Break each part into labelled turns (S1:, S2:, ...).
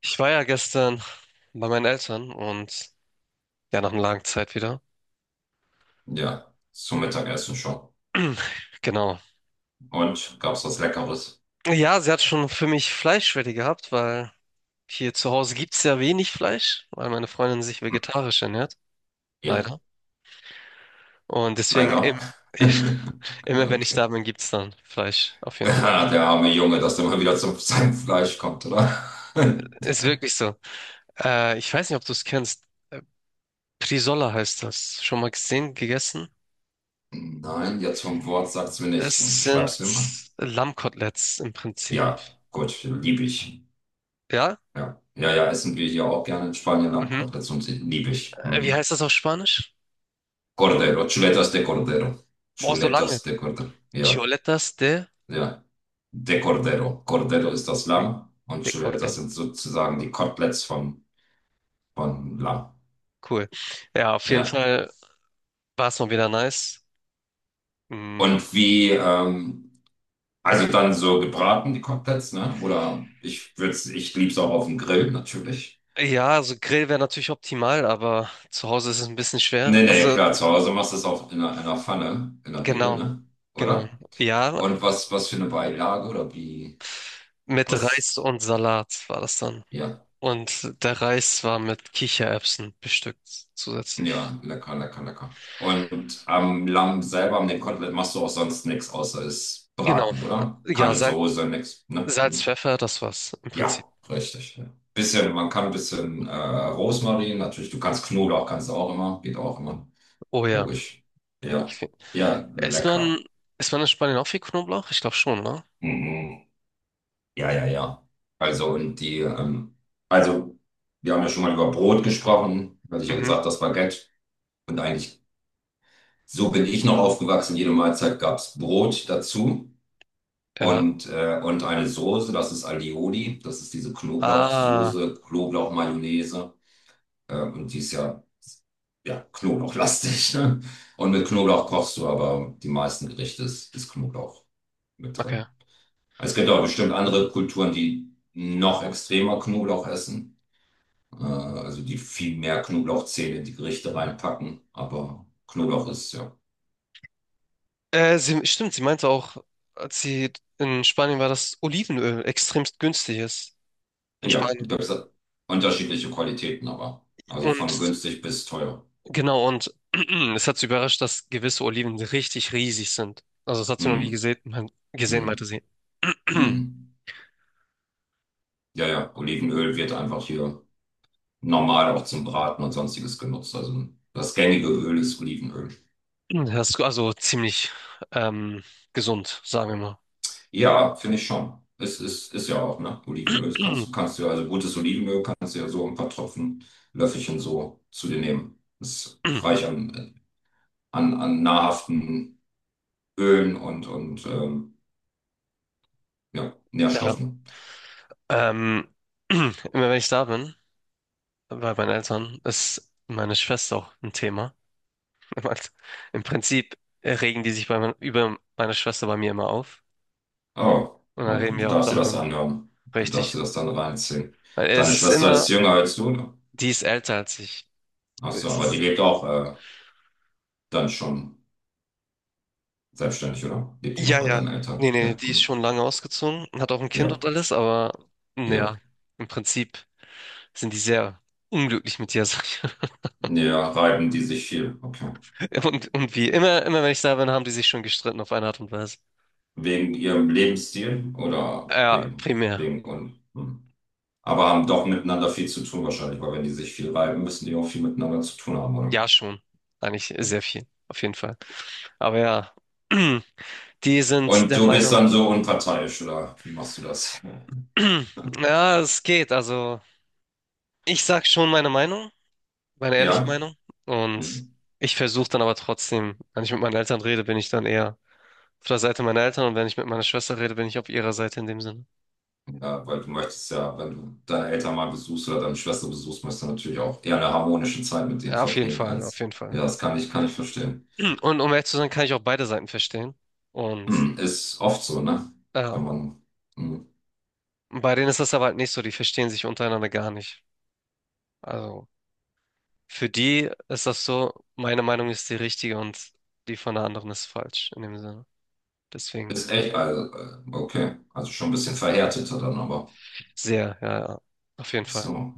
S1: Ich war ja gestern bei meinen Eltern und ja, nach einer langen Zeit wieder.
S2: Ja, zum Mittagessen schon.
S1: Genau.
S2: Und gab's was Leckeres?
S1: Ja, sie hat schon für mich Fleischschwäche gehabt, weil hier zu Hause gibt's ja wenig Fleisch, weil meine Freundin sich vegetarisch ernährt,
S2: Ja,
S1: leider. Und deswegen
S2: leider.
S1: im, immer, wenn ich
S2: Okay.
S1: da bin, gibt's dann Fleisch, auf jeden Fall.
S2: Ja, der arme Junge, dass der mal wieder zu seinem Fleisch kommt, oder?
S1: Ist wirklich so. Ich weiß nicht, ob du es kennst. Äh, Prisola heißt das. Schon mal gesehen, gegessen?
S2: Nein, jetzt vom Wort sagt's mir nicht.
S1: Es sind
S2: Schreib's mir mal.
S1: Lammkoteletts im Prinzip.
S2: Ja, gut, liebe ich.
S1: Ja?
S2: Ja. Ja, ja, essen wir hier auch gerne in Spanien
S1: Mhm.
S2: Lammkoteletts und liebe ich.
S1: Wie
S2: Mhm.
S1: heißt das auf Spanisch?
S2: Cordero, chuletas de cordero.
S1: Boah, so lange.
S2: Chuletas de cordero. Ja.
S1: Choletas de,
S2: Ja. De Cordero. Cordero ist das
S1: okay,
S2: Lamm und
S1: de
S2: Chuleta das sind
S1: Cordero.
S2: sozusagen die Koteletts vom, vom Lamm.
S1: Cool. Ja, auf jeden
S2: Ja.
S1: Fall war es mal wieder nice. Mm,
S2: Und wie, also dann so gebraten, die Koteletts, ne? Oder ich lieb's auch auf dem Grill, natürlich.
S1: ja, also Grill wäre natürlich optimal, aber zu Hause ist es ein bisschen schwer.
S2: Nee, nee,
S1: Also
S2: klar, zu Hause machst du es auch in einer Pfanne, in der Regel,
S1: genau,
S2: ne?
S1: genau.
S2: Oder?
S1: Ja,
S2: Und was, was für eine Beilage oder wie,
S1: mit Reis
S2: was,
S1: und Salat war das dann.
S2: ja.
S1: Und der Reis war mit Kichererbsen bestückt zusätzlich.
S2: Ja, lecker, lecker, lecker. Und am Lamm selber, am dem Kotelett, machst du auch sonst nichts, außer es
S1: Genau.
S2: braten, oder?
S1: Ja,
S2: Keine
S1: Salz,
S2: Soße, nichts, ne?
S1: Salz, Pfeffer, das war's im Prinzip.
S2: Ja, richtig. Ja. Bisschen, man kann ein bisschen Rosmarin, natürlich, du kannst Knoblauch, kannst du auch immer, geht auch immer.
S1: Oh ja.
S2: Logisch. Ja,
S1: Okay.
S2: ja,
S1: Isst man,
S2: lecker.
S1: isst man in Spanien auch viel Knoblauch? Ich glaube schon, ne?
S2: Mhm. Ja, ja, ja. Also, und die, also, wir haben ja schon mal über Brot gesprochen, weil ich ja
S1: Mhm.
S2: gesagt, das Baguette. Und eigentlich so bin ich noch aufgewachsen. Jede Mahlzeit gab es Brot dazu
S1: Ja.
S2: und eine Soße. Das ist Alioli. Das ist diese
S1: Ah,
S2: Knoblauchsoße, Knoblauchmayonnaise. Und die ist ja, ja knoblauchlastig. Ne? Und mit Knoblauch kochst du, aber die meisten Gerichte ist, ist Knoblauch mit
S1: okay.
S2: drin. Es gibt auch bestimmt andere Kulturen, die noch extremer Knoblauch essen. Also die viel mehr Knoblauchzehen in die Gerichte reinpacken. Aber Knoblauch ist ja
S1: Sie, stimmt, sie meinte auch, als sie in Spanien war, dass Olivenöl extremst günstig ist. In
S2: ja,
S1: Spanien.
S2: gibt es unterschiedliche Qualitäten, aber. Also von
S1: Und
S2: günstig bis teuer.
S1: genau, und es hat sie überrascht, dass gewisse Oliven richtig riesig sind. Also das hat sie noch nie
S2: Hm,
S1: gesehen, gesehen, meinte
S2: hm,
S1: sie.
S2: hm. Ja, ja, Olivenöl wird einfach hier normal auch zum Braten und sonstiges genutzt. Also das gängige Öl ist Olivenöl.
S1: Das ist also ziemlich ähm, gesund, sagen wir
S2: Ja, finde ich schon. Es ist, ist ja auch, ne? Olivenöl. Das
S1: mal.
S2: kannst du ja, also gutes Olivenöl kannst du ja so ein paar Tropfen, Löffelchen so zu dir nehmen. Ist reich an, an, an nahrhaften Ölen und ja,
S1: Ja.
S2: Nährstoffen.
S1: Ähm, immer wenn ich da bin, bei meinen Eltern, ist meine Schwester auch ein Thema. Mann, im Prinzip regen die sich über meine Schwester bei mir immer auf.
S2: Oh,
S1: Und dann
S2: okay,
S1: reden
S2: du
S1: wir auch
S2: darfst dir das
S1: darüber.
S2: anhören. Du darfst
S1: Richtig.
S2: dir das dann reinziehen.
S1: Weil
S2: Deine
S1: es ist
S2: Schwester
S1: immer,
S2: ist jünger als du, ne?
S1: die ist älter als ich.
S2: Ach
S1: Es
S2: so, aber die
S1: ist,
S2: lebt auch dann schon selbstständig, oder? Lebt die noch
S1: ja,
S2: bei
S1: ja.
S2: deinen Eltern?
S1: Nee, nee,
S2: Ja,
S1: die ist
S2: hm.
S1: schon lange ausgezogen und hat auch ein Kind
S2: Ja,
S1: und alles, aber
S2: ja.
S1: naja, im Prinzip sind die sehr unglücklich mit dir, sag ich.
S2: Ja, reiben die sich viel. Okay.
S1: Und, wie immer, immer wenn ich da bin, haben die sich schon gestritten auf eine Art und Weise.
S2: Wegen ihrem Lebensstil oder
S1: Ja,
S2: wegen,
S1: primär.
S2: wegen und. Hm. Aber haben doch miteinander viel zu tun wahrscheinlich, weil wenn die sich viel reiben, müssen die auch viel miteinander zu tun haben, oder?
S1: Ja, schon. Eigentlich sehr viel, auf jeden Fall. Aber ja, die sind
S2: Und
S1: der
S2: du bist
S1: Meinung,
S2: dann so unparteiisch, oder? Wie machst du das?
S1: ja, es geht. Also, ich sag schon meine Meinung, meine ehrliche
S2: Ja?
S1: Meinung. Und
S2: Hm.
S1: ich versuche dann aber trotzdem, wenn ich mit meinen Eltern rede, bin ich dann eher auf der Seite meiner Eltern und wenn ich mit meiner Schwester rede, bin ich auf ihrer Seite in dem Sinne.
S2: Ja, weil du möchtest ja, wenn du deine Eltern mal besuchst oder deine Schwester besuchst, möchtest du natürlich auch eher eine harmonische Zeit mit denen
S1: Ja, auf jeden
S2: verbringen
S1: Fall, auf
S2: als,
S1: jeden Fall.
S2: ja, das kann ich verstehen.
S1: Und um ehrlich zu sein, kann ich auch beide Seiten verstehen. Und
S2: Hm, ist oft so, ne?
S1: ja,
S2: Wenn man, hm,
S1: bei denen ist das aber halt nicht so, die verstehen sich untereinander gar nicht. Also, für die ist das so, meine Meinung ist die richtige und die von der anderen ist falsch in dem Sinne. Deswegen
S2: ist echt, also, okay, also schon ein bisschen verhärteter dann, aber
S1: sehr, ja, ja, auf jeden Fall.
S2: so,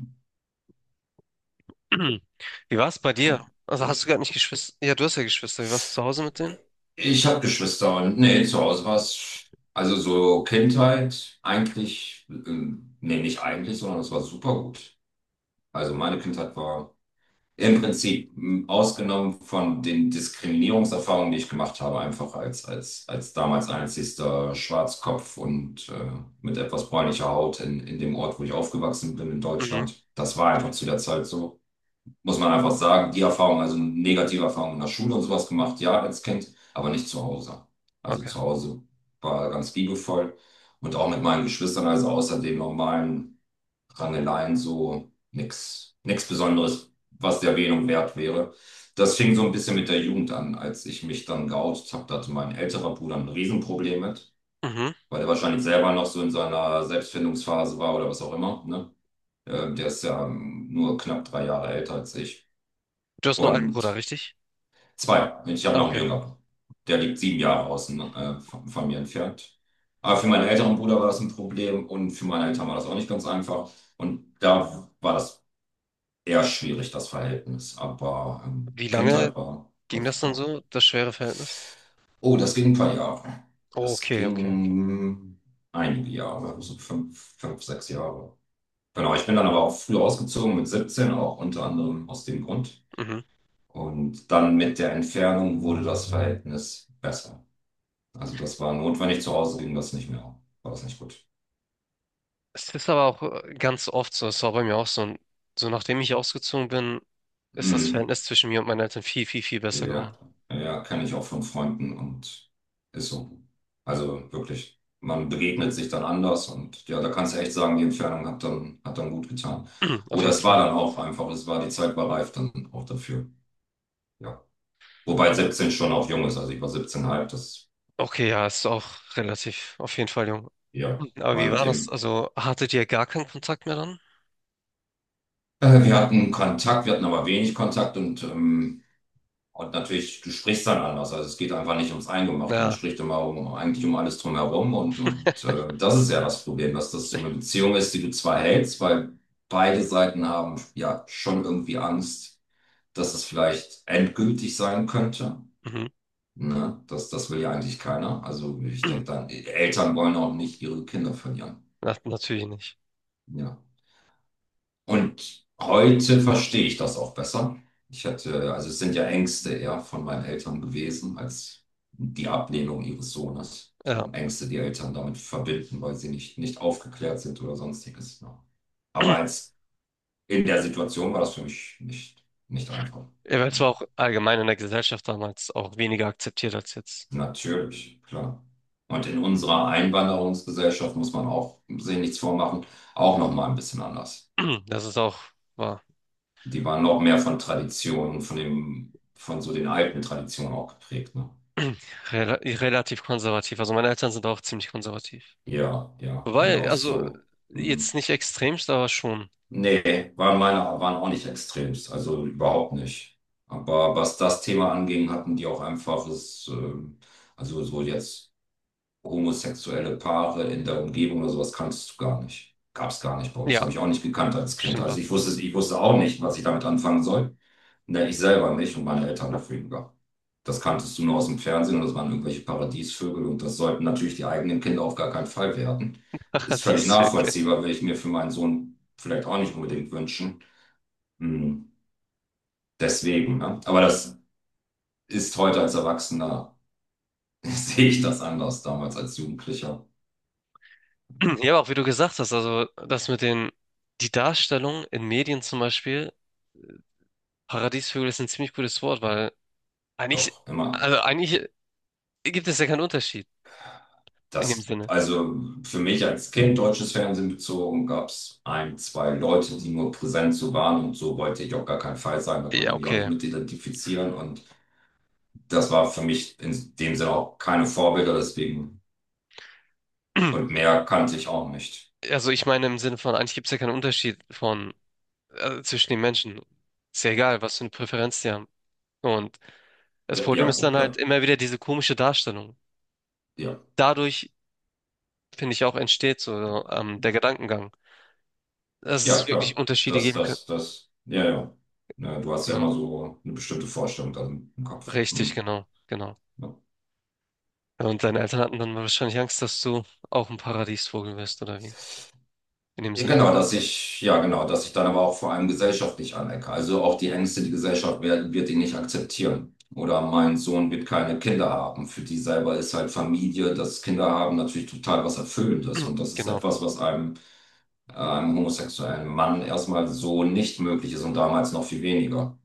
S1: Wie war es bei dir?
S2: okay,
S1: Also hast du
S2: gut.
S1: gar nicht Geschwister? Ja, du hast ja Geschwister. Wie warst du zu Hause mit denen?
S2: Ich habe Geschwister und, nee, zu Hause war es, also so Kindheit, eigentlich, nee, nicht eigentlich, sondern es war super gut. Also meine Kindheit war im Prinzip, ausgenommen von den Diskriminierungserfahrungen, die ich gemacht habe, einfach als damals einzigster Schwarzkopf und mit etwas bräunlicher Haut in dem Ort, wo ich aufgewachsen bin, in
S1: Mhm,
S2: Deutschland. Das war einfach zu der Zeit so. Muss man einfach sagen, die Erfahrung, also negative Erfahrungen in der Schule und sowas gemacht, ja, als Kind, aber nicht zu Hause. Also
S1: okay.
S2: zu Hause war ganz liebevoll und auch mit meinen Geschwistern, also außer dem normalen Rangeleien, so nichts Besonderes, was der Erwähnung wert wäre. Das fing so ein bisschen mit der Jugend an, als ich mich dann geoutet habe. Da hatte mein älterer Bruder ein Riesenproblem mit,
S1: Mhm.
S2: weil er wahrscheinlich selber noch so in seiner Selbstfindungsphase war oder was auch immer. Ne? Der ist ja nur knapp 3 Jahre älter als ich.
S1: Du hast nur einen Bruder,
S2: Und
S1: richtig?
S2: zwei, ich habe
S1: Ah,
S2: noch einen
S1: okay.
S2: jüngeren. Der liegt 7 Jahre außen von mir entfernt. Aber für meinen älteren Bruder war das ein Problem und für meine Eltern war das auch nicht ganz einfach. Und da war das eher schwierig, das Verhältnis, aber
S1: Wie lange
S2: Kindheit war, war
S1: ging das dann
S2: super.
S1: so, das schwere Verhältnis?
S2: Oh, das ging ein paar Jahre.
S1: Oh,
S2: Das
S1: okay, okay, okay.
S2: ging einige Jahre, so fünf, fünf, sechs Jahre. Genau, ich bin dann aber auch früh ausgezogen, mit 17 auch, unter anderem aus dem Grund.
S1: Mhm.
S2: Und dann mit der Entfernung wurde das Verhältnis besser. Also das war notwendig, zu Hause ging das nicht mehr. War das nicht gut.
S1: Es ist aber auch ganz oft so, es war bei mir auch so, und so nachdem ich ausgezogen bin, ist das
S2: Mm.
S1: Verhältnis zwischen mir und meinen Eltern viel, viel, viel besser
S2: Ja,
S1: geworden.
S2: ja, kenne ich auch von Freunden und ist so. Also wirklich, man begegnet sich dann anders und ja, da kannst du echt sagen, die Entfernung hat dann gut getan.
S1: Auf
S2: Oder
S1: jeden
S2: es war
S1: Fall.
S2: dann auch einfach, es war, die Zeit war reif dann auch dafür. Ja. Wobei 17 schon auch jung ist, also ich war 17,5, das,
S1: Okay, ja, ist auch relativ, auf jeden Fall jung.
S2: ja.
S1: Aber wie
S2: Und
S1: war das?
S2: im,
S1: Also hattet ihr gar keinen Kontakt mehr dann?
S2: wir hatten Kontakt, wir hatten aber wenig Kontakt und und natürlich, du sprichst dann anders. Also es geht einfach nicht ums Eingemachte. Man
S1: Ja.
S2: spricht immer um, eigentlich um alles drumherum. Und das ist ja das Problem, dass das so eine Beziehung ist, die du zwar hältst, weil beide Seiten haben ja schon irgendwie Angst, dass es vielleicht endgültig sein könnte.
S1: Mhm.
S2: Ne? Das, das will ja eigentlich keiner. Also ich denke dann, Eltern wollen auch nicht ihre Kinder verlieren.
S1: Na, natürlich nicht.
S2: Ja. Und heute verstehe ich das auch besser. Ich hatte, also es sind ja Ängste eher von meinen Eltern gewesen als die Ablehnung ihres Sohnes,
S1: Ja.
S2: sondern Ängste, die Eltern damit verbinden, weil sie nicht, nicht aufgeklärt sind oder sonstiges. Ja. Aber als in der Situation war das für mich nicht, nicht einfach.
S1: Er war
S2: Ja.
S1: zwar auch allgemein in der Gesellschaft damals auch weniger akzeptiert als jetzt.
S2: Natürlich, klar. Und in unserer Einwanderungsgesellschaft muss man auch, sich nichts vormachen, auch noch mal ein bisschen anders.
S1: Das ist auch war
S2: Die waren noch mehr von Traditionen, von dem, von so den alten Traditionen auch geprägt, ne?
S1: rela relativ konservativ. Also meine Eltern sind auch ziemlich konservativ.
S2: Ja, ja. Und
S1: Wobei,
S2: auch
S1: also
S2: so, hm.
S1: jetzt nicht extremst, aber schon.
S2: Nee, waren meine, waren auch nicht extremst, also überhaupt nicht. Aber was das Thema anging, hatten die auch einfach, es, also so jetzt. Homosexuelle Paare in der Umgebung oder sowas kanntest du gar nicht. Gab es gar nicht bei uns.
S1: Ja,
S2: Habe ich auch nicht gekannt als Kind.
S1: stimmt
S2: Also
S1: auch.
S2: ich wusste auch nicht, was ich damit anfangen soll. Ne, ich selber nicht und meine Eltern dafür gar. Das kanntest du nur aus dem Fernsehen und das waren irgendwelche Paradiesvögel und das sollten natürlich die eigenen Kinder auf gar keinen Fall werden. Ist völlig
S1: Paradieshöke.
S2: nachvollziehbar, will ich mir für meinen Sohn vielleicht auch nicht unbedingt wünschen. Hm, deswegen, ne? Aber das ist heute als Erwachsener, sehe ich das anders damals als Jugendlicher.
S1: Ja, aber auch wie du gesagt hast, also das mit den, die Darstellung in Medien zum Beispiel, Paradiesvögel ist ein ziemlich gutes Wort, weil eigentlich,
S2: Doch, immer.
S1: also eigentlich gibt es ja keinen Unterschied in dem
S2: Das,
S1: Sinne.
S2: also für mich als Kind deutsches Fernsehen bezogen, gab es ein, zwei Leute, die nur präsent so waren und so wollte ich auf gar keinen Fall sein. Da konnte
S1: Ja,
S2: ich mich auch nicht
S1: okay.
S2: mit identifizieren und das war für mich in dem Sinne auch keine Vorbilder, deswegen und mehr kannte ich auch nicht.
S1: Also ich meine im Sinne von, eigentlich gibt es ja keinen Unterschied von zwischen den Menschen. Ist ja egal, was für eine Präferenz die haben. Und das Problem
S2: Ja,
S1: ist
S2: gut,
S1: dann halt
S2: klar.
S1: immer wieder diese komische Darstellung.
S2: Ja,
S1: Dadurch, finde ich, auch entsteht so der Gedankengang, dass
S2: ja,
S1: es
S2: klar.
S1: wirklich Unterschiede
S2: Das,
S1: geben könnte.
S2: das, das, ja, ja. Ja, du hast ja
S1: Genau.
S2: immer so eine bestimmte Vorstellung dann im Kopf.
S1: Richtig,
S2: Hm.
S1: genau, genau.
S2: Ja.
S1: Ja, und deine Eltern hatten dann wahrscheinlich Angst, dass du auch ein Paradiesvogel wirst, oder wie? In dem
S2: Ja,
S1: Sinne.
S2: genau, dass ich, ja, genau, dass ich dann aber auch vor allem gesellschaftlich anecke. Also auch die Ängste, die Gesellschaft wird, wird ihn nicht akzeptieren. Oder mein Sohn wird keine Kinder haben. Für die selber ist halt Familie, das Kinder haben natürlich total was Erfüllendes. Und das ist
S1: Genau.
S2: etwas, was einem, einem homosexuellen Mann erstmal so nicht möglich ist und damals noch viel weniger.